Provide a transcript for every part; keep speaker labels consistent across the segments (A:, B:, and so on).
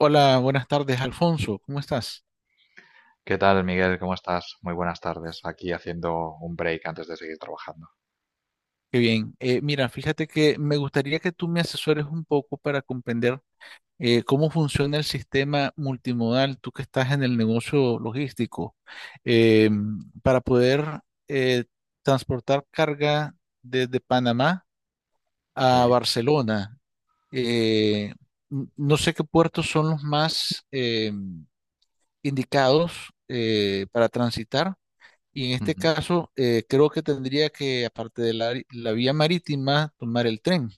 A: Hola, buenas tardes, Alfonso. ¿Cómo estás?
B: ¿Qué tal, Miguel? ¿Cómo estás? Muy buenas tardes. Aquí haciendo un break antes de seguir trabajando.
A: Qué bien. Mira, fíjate que me gustaría que tú me asesores un poco para comprender cómo funciona el sistema multimodal, tú que estás en el negocio logístico, eh, para poder eh, transportar carga desde Panamá a
B: Sí.
A: Barcelona. Eh, no sé qué puertos son los más indicados para transitar. Y en este
B: Ujú.
A: caso, creo que tendría que, aparte de la vía marítima, tomar el tren.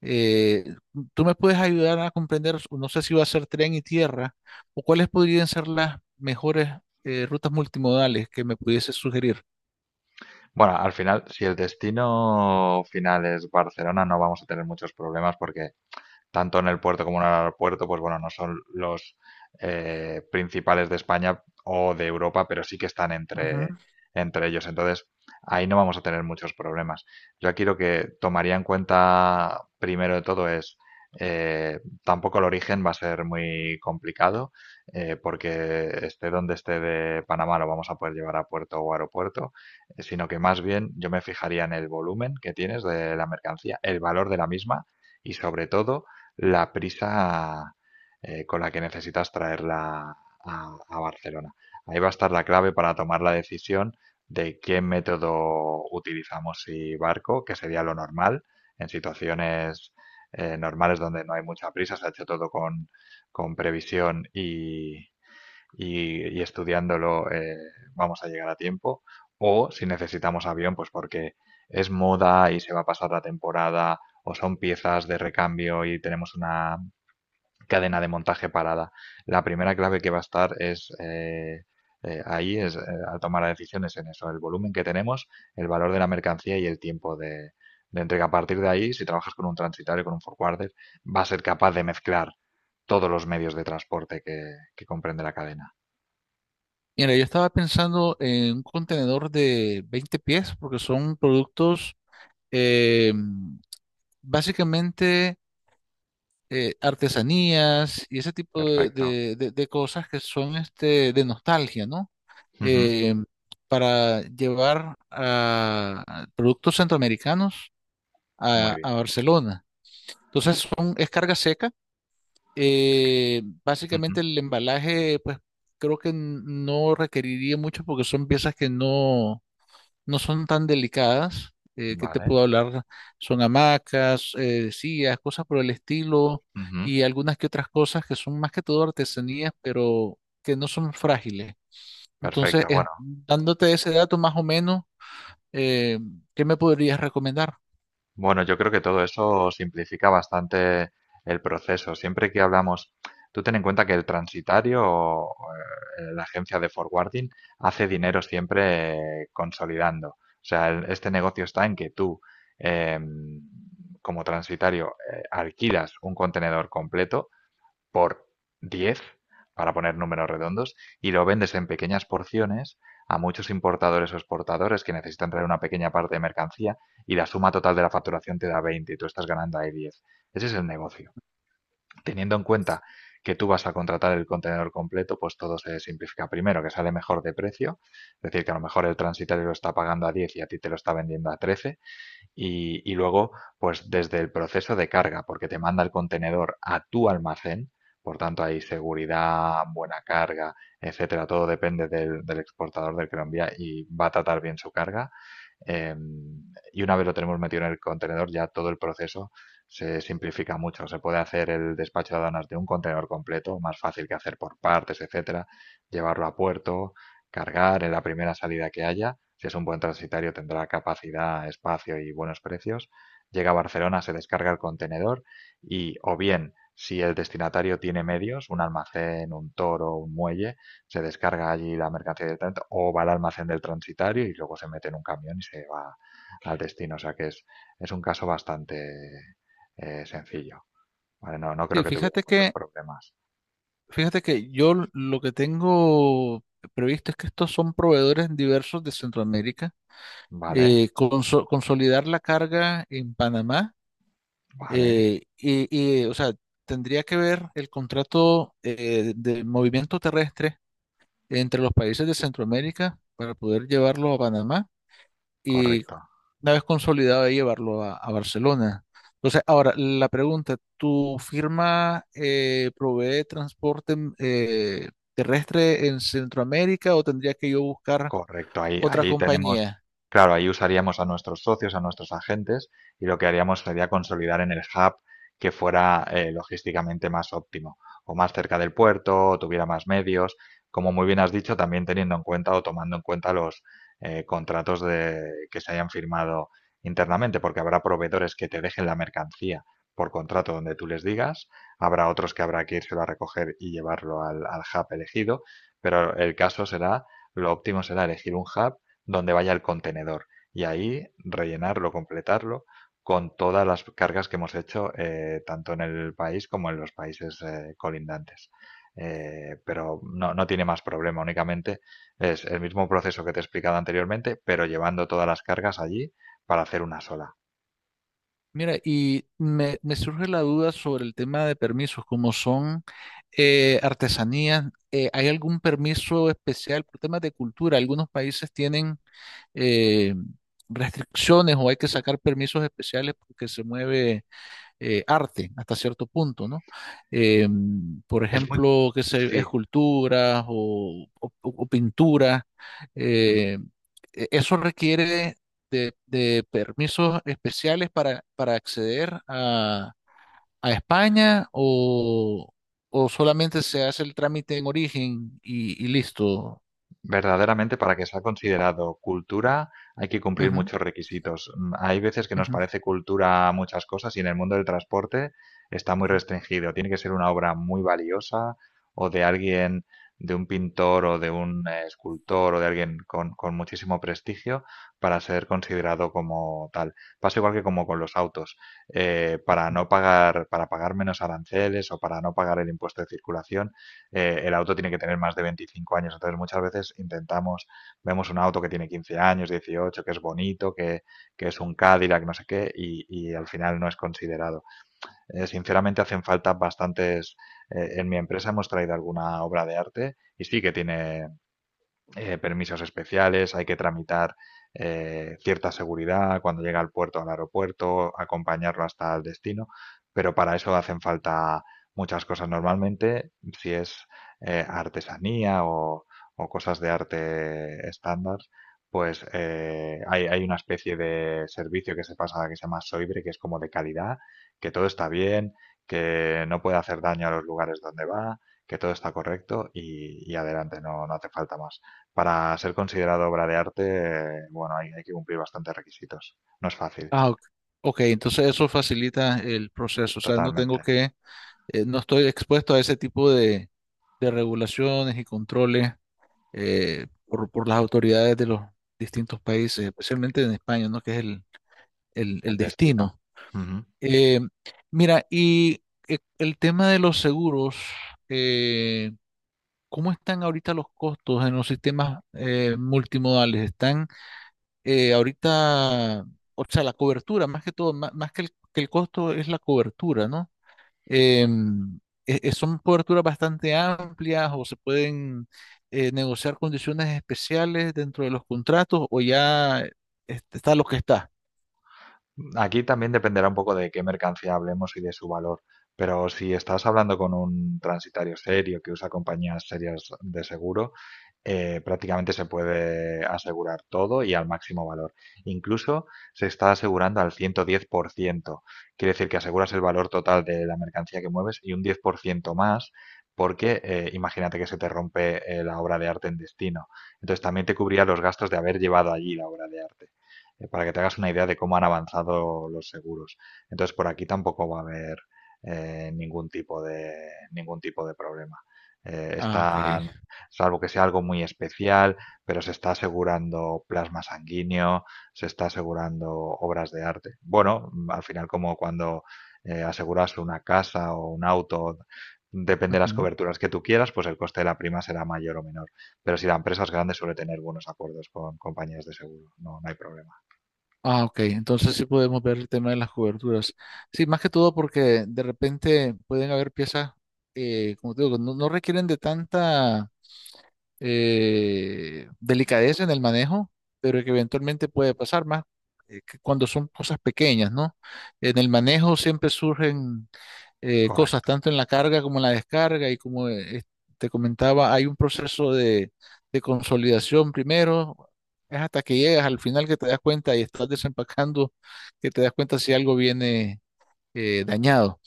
A: Eh, ¿Tú me puedes ayudar a comprender, no sé si va a ser tren y tierra, o cuáles podrían ser las mejores rutas multimodales que me pudiese sugerir?
B: Bueno, al final, si el destino final es Barcelona, no vamos a tener muchos problemas porque tanto en el puerto como en el aeropuerto, pues bueno, no son los principales de España o de Europa, pero sí que están entre,
A: Ujú.
B: entre ellos. Entonces, ahí no vamos a tener muchos problemas. Yo aquí lo que tomaría en cuenta primero de todo es, tampoco el origen va a ser muy complicado, porque esté donde esté de Panamá lo vamos a poder llevar a puerto o aeropuerto, sino que más bien yo me fijaría en el volumen que tienes de la mercancía, el valor de la misma y sobre todo la prisa con la que necesitas traerla a Barcelona. Ahí va a estar la clave para tomar la decisión de qué método utilizamos y barco, que sería lo normal en situaciones normales donde no hay mucha prisa, se ha hecho todo con previsión y estudiándolo, vamos a llegar a tiempo. O si necesitamos avión, pues porque es moda y se va a pasar la temporada o son piezas de recambio y tenemos una cadena de montaje parada. La primera clave que va a estar es ahí es Al tomar las decisiones en eso, el volumen que tenemos, el valor de la mercancía y el tiempo de entrega. A partir de ahí, si trabajas con un transitario, con un forwarder, va a ser capaz de mezclar todos los medios de transporte que comprende la cadena.
A: Mira, yo estaba pensando en un contenedor de 20 pies, porque son productos eh, básicamente artesanías y ese tipo de,
B: Perfecto.
A: de cosas que son este, de nostalgia, ¿no?
B: Ujú.
A: eh, para llevar a productos centroamericanos
B: Muy
A: a
B: bien.
A: Barcelona. Entonces es carga seca.
B: Es que
A: Básicamente
B: Ujú.
A: el embalaje, pues creo que no requeriría mucho porque son piezas que no, no son tan delicadas. ¿Qué te
B: Vale.
A: puedo hablar? Son hamacas, sillas, cosas por el estilo
B: Ujú.
A: y algunas que otras cosas que son más que todo artesanías, pero que no son frágiles. Entonces,
B: Perfecto, bueno.
A: dándote ese dato más o menos, eh, ¿qué me podrías recomendar?
B: Bueno, yo creo que todo eso simplifica bastante el proceso. Siempre que hablamos tú ten en cuenta que el transitario o la agencia de forwarding hace dinero siempre consolidando. O sea, este negocio está en que tú, em, como transitario, alquilas un contenedor completo por 10 para poner números redondos, y lo vendes en pequeñas porciones a muchos importadores o exportadores que necesitan traer una pequeña parte de mercancía y la suma total de la facturación te da 20 y tú estás ganando ahí 10. Ese es el negocio. Teniendo en cuenta que tú vas a contratar el contenedor completo, pues todo se simplifica. Primero, que sale mejor de precio, es decir, que a lo mejor el transitario lo está pagando a 10 y a ti te lo está vendiendo a 13 y luego, pues desde el proceso de carga, porque te manda el contenedor a tu almacén, por tanto hay seguridad, buena carga, etcétera, todo depende del, del exportador del que lo envía y va a tratar bien su carga. Eh, y una vez lo tenemos metido en el contenedor, ya todo el proceso se simplifica mucho. Se puede hacer el despacho de aduanas de un contenedor completo, más fácil que hacer por partes, etcétera, llevarlo a puerto, cargar en la primera salida que haya. Si es un buen transitario, tendrá capacidad, espacio y buenos precios. Llega a Barcelona, se descarga el contenedor y o bien si el destinatario tiene medios, un almacén, un toro, un muelle, se descarga allí la mercancía directamente o va al almacén del transitario y luego se mete en un camión y se va al destino. O sea que es un caso bastante sencillo. ¿Vale? No, no creo
A: Sí,
B: que tuvieras muchos problemas.
A: fíjate que yo lo que tengo previsto es que estos son proveedores diversos de Centroamérica.
B: Vale,
A: Consolidar la carga en Panamá
B: vale,
A: o sea, tendría que ver el contrato de movimiento terrestre entre los países de Centroamérica para poder llevarlo a Panamá
B: correcto.
A: una vez consolidado de llevarlo a Barcelona. Entonces, ahora la pregunta, ¿tu firma provee transporte terrestre en Centroamérica o tendría que yo buscar
B: Correcto, ahí,
A: otra
B: ahí tenemos,
A: compañía?
B: claro, ahí usaríamos a nuestros socios, a nuestros agentes, y lo que haríamos sería consolidar en el hub que fuera logísticamente más óptimo, o más cerca del puerto, o tuviera más medios, como muy bien has dicho, también teniendo en cuenta o tomando en cuenta los contratos de, que se hayan firmado internamente, porque habrá proveedores que te dejen la mercancía por contrato donde tú les digas, habrá otros que habrá que írselo a recoger y llevarlo al hub elegido, pero el caso será lo óptimo será elegir un hub donde vaya el contenedor y ahí rellenarlo, completarlo con todas las cargas que hemos hecho tanto en el país como en los países colindantes. Pero no, no tiene más problema, únicamente es el mismo proceso que te he explicado anteriormente, pero llevando todas las cargas allí para hacer una sola.
A: Mira, y me surge la duda sobre el tema de permisos, como son artesanías, ¿hay algún permiso especial por temas de cultura? Algunos países tienen eh, restricciones o hay que sacar permisos especiales porque se mueve arte hasta cierto punto, ¿no? Eh, por
B: Es muy...
A: ejemplo, qué sé,
B: Sí.
A: esculturas o pinturas, eh, eso requiere de permisos especiales para acceder a España o solamente se hace el trámite en origen y listo.
B: Verdaderamente, para que sea considerado cultura hay que cumplir
A: Ujú,
B: muchos requisitos. Hay veces que nos
A: ujú,
B: parece cultura muchas cosas y en el mundo del transporte está muy
A: ujú.
B: restringido. Tiene que ser una obra muy valiosa o de alguien, de un pintor o de un escultor o de alguien con muchísimo prestigio para ser considerado como tal. Pasa igual que como con los autos. Para no pagar, para pagar menos aranceles o para no pagar el impuesto de circulación, el auto tiene que tener más de 25 años. Entonces, muchas veces intentamos, vemos un auto que tiene 15 años, 18, que es bonito, que es un Cadillac, no sé qué, y al final no es considerado. Sinceramente, hacen falta bastantes. En mi empresa hemos traído alguna obra de arte y sí que tiene permisos especiales, hay que tramitar cierta seguridad cuando llega al puerto, al aeropuerto, acompañarlo hasta el destino, pero para eso hacen falta muchas cosas. Normalmente, si es artesanía o cosas de arte estándar, pues hay, hay una especie de servicio que se pasa que se llama Soibre, que es como de calidad, que todo está bien, que no puede hacer daño a los lugares donde va, que todo está correcto y adelante, no, no hace falta más. Para ser considerado obra de arte, bueno, hay que cumplir bastantes requisitos. No es fácil,
A: Ah, ok. Ok, entonces eso facilita el proceso, o sea, no tengo
B: totalmente.
A: que no estoy expuesto a ese tipo de regulaciones y controles por las autoridades de los distintos países, especialmente en España, ¿no? Que es el
B: El destino.
A: destino.
B: Ujú.
A: Eh, mira, y el tema de los seguros, eh, ¿cómo están ahorita los costos en los sistemas multimodales? ¿Están ahorita, o sea, la cobertura, más que todo, más, que que el costo es la cobertura, ¿no? eh, ¿son coberturas bastante amplias o se pueden negociar condiciones especiales dentro de los contratos o ya este, está lo que está?
B: Aquí también dependerá un poco de qué mercancía hablemos y de su valor, pero si estás hablando con un transitario serio que usa compañías serias de seguro, prácticamente se puede asegurar todo y al máximo valor. Incluso se está asegurando al 110%. Quiere decir que aseguras el valor total de la mercancía que mueves y un 10% más porque imagínate que se te rompe la obra de arte en destino. Entonces también te cubría los gastos de haber llevado allí la obra de arte, para que te hagas una idea de cómo han avanzado los seguros. Entonces, por aquí tampoco va a haber eh, ningún tipo de, ningún tipo de problema.
A: Ah, ok.
B: Están, salvo que sea algo muy especial, pero se está asegurando plasma sanguíneo, se está asegurando obras de arte. Bueno, al final como cuando aseguras una casa o un auto, depende de las
A: Ujú.
B: coberturas que tú quieras, pues el coste de la prima será mayor o menor. Pero si la empresa es grande suele tener buenos acuerdos con compañías de seguro, no, no hay problema.
A: Ah, ok. Entonces sí podemos ver el tema de las coberturas. Sí, más que todo porque de repente pueden haber piezas, como te digo, no, no requieren de tanta delicadeza en el manejo, pero que eventualmente puede pasar más que cuando son cosas pequeñas, ¿no? En el manejo siempre surgen cosas,
B: Correcto,
A: tanto en la carga como en la descarga, y como te comentaba, hay un proceso de consolidación primero. Es hasta que llegas al final que te das cuenta y estás desempacando, que te das cuenta si algo viene dañado.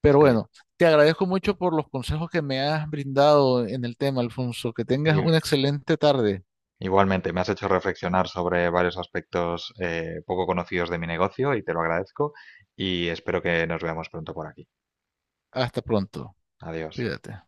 A: Pero
B: sí.
A: bueno, te agradezco mucho por los consejos que me has brindado en el tema, Alfonso. Que tengas
B: Y-
A: una excelente tarde.
B: igualmente, me has hecho reflexionar sobre varios aspectos poco conocidos de mi negocio y te lo agradezco y espero que nos veamos pronto por aquí.
A: Hasta pronto.
B: Adiós.
A: Cuídate.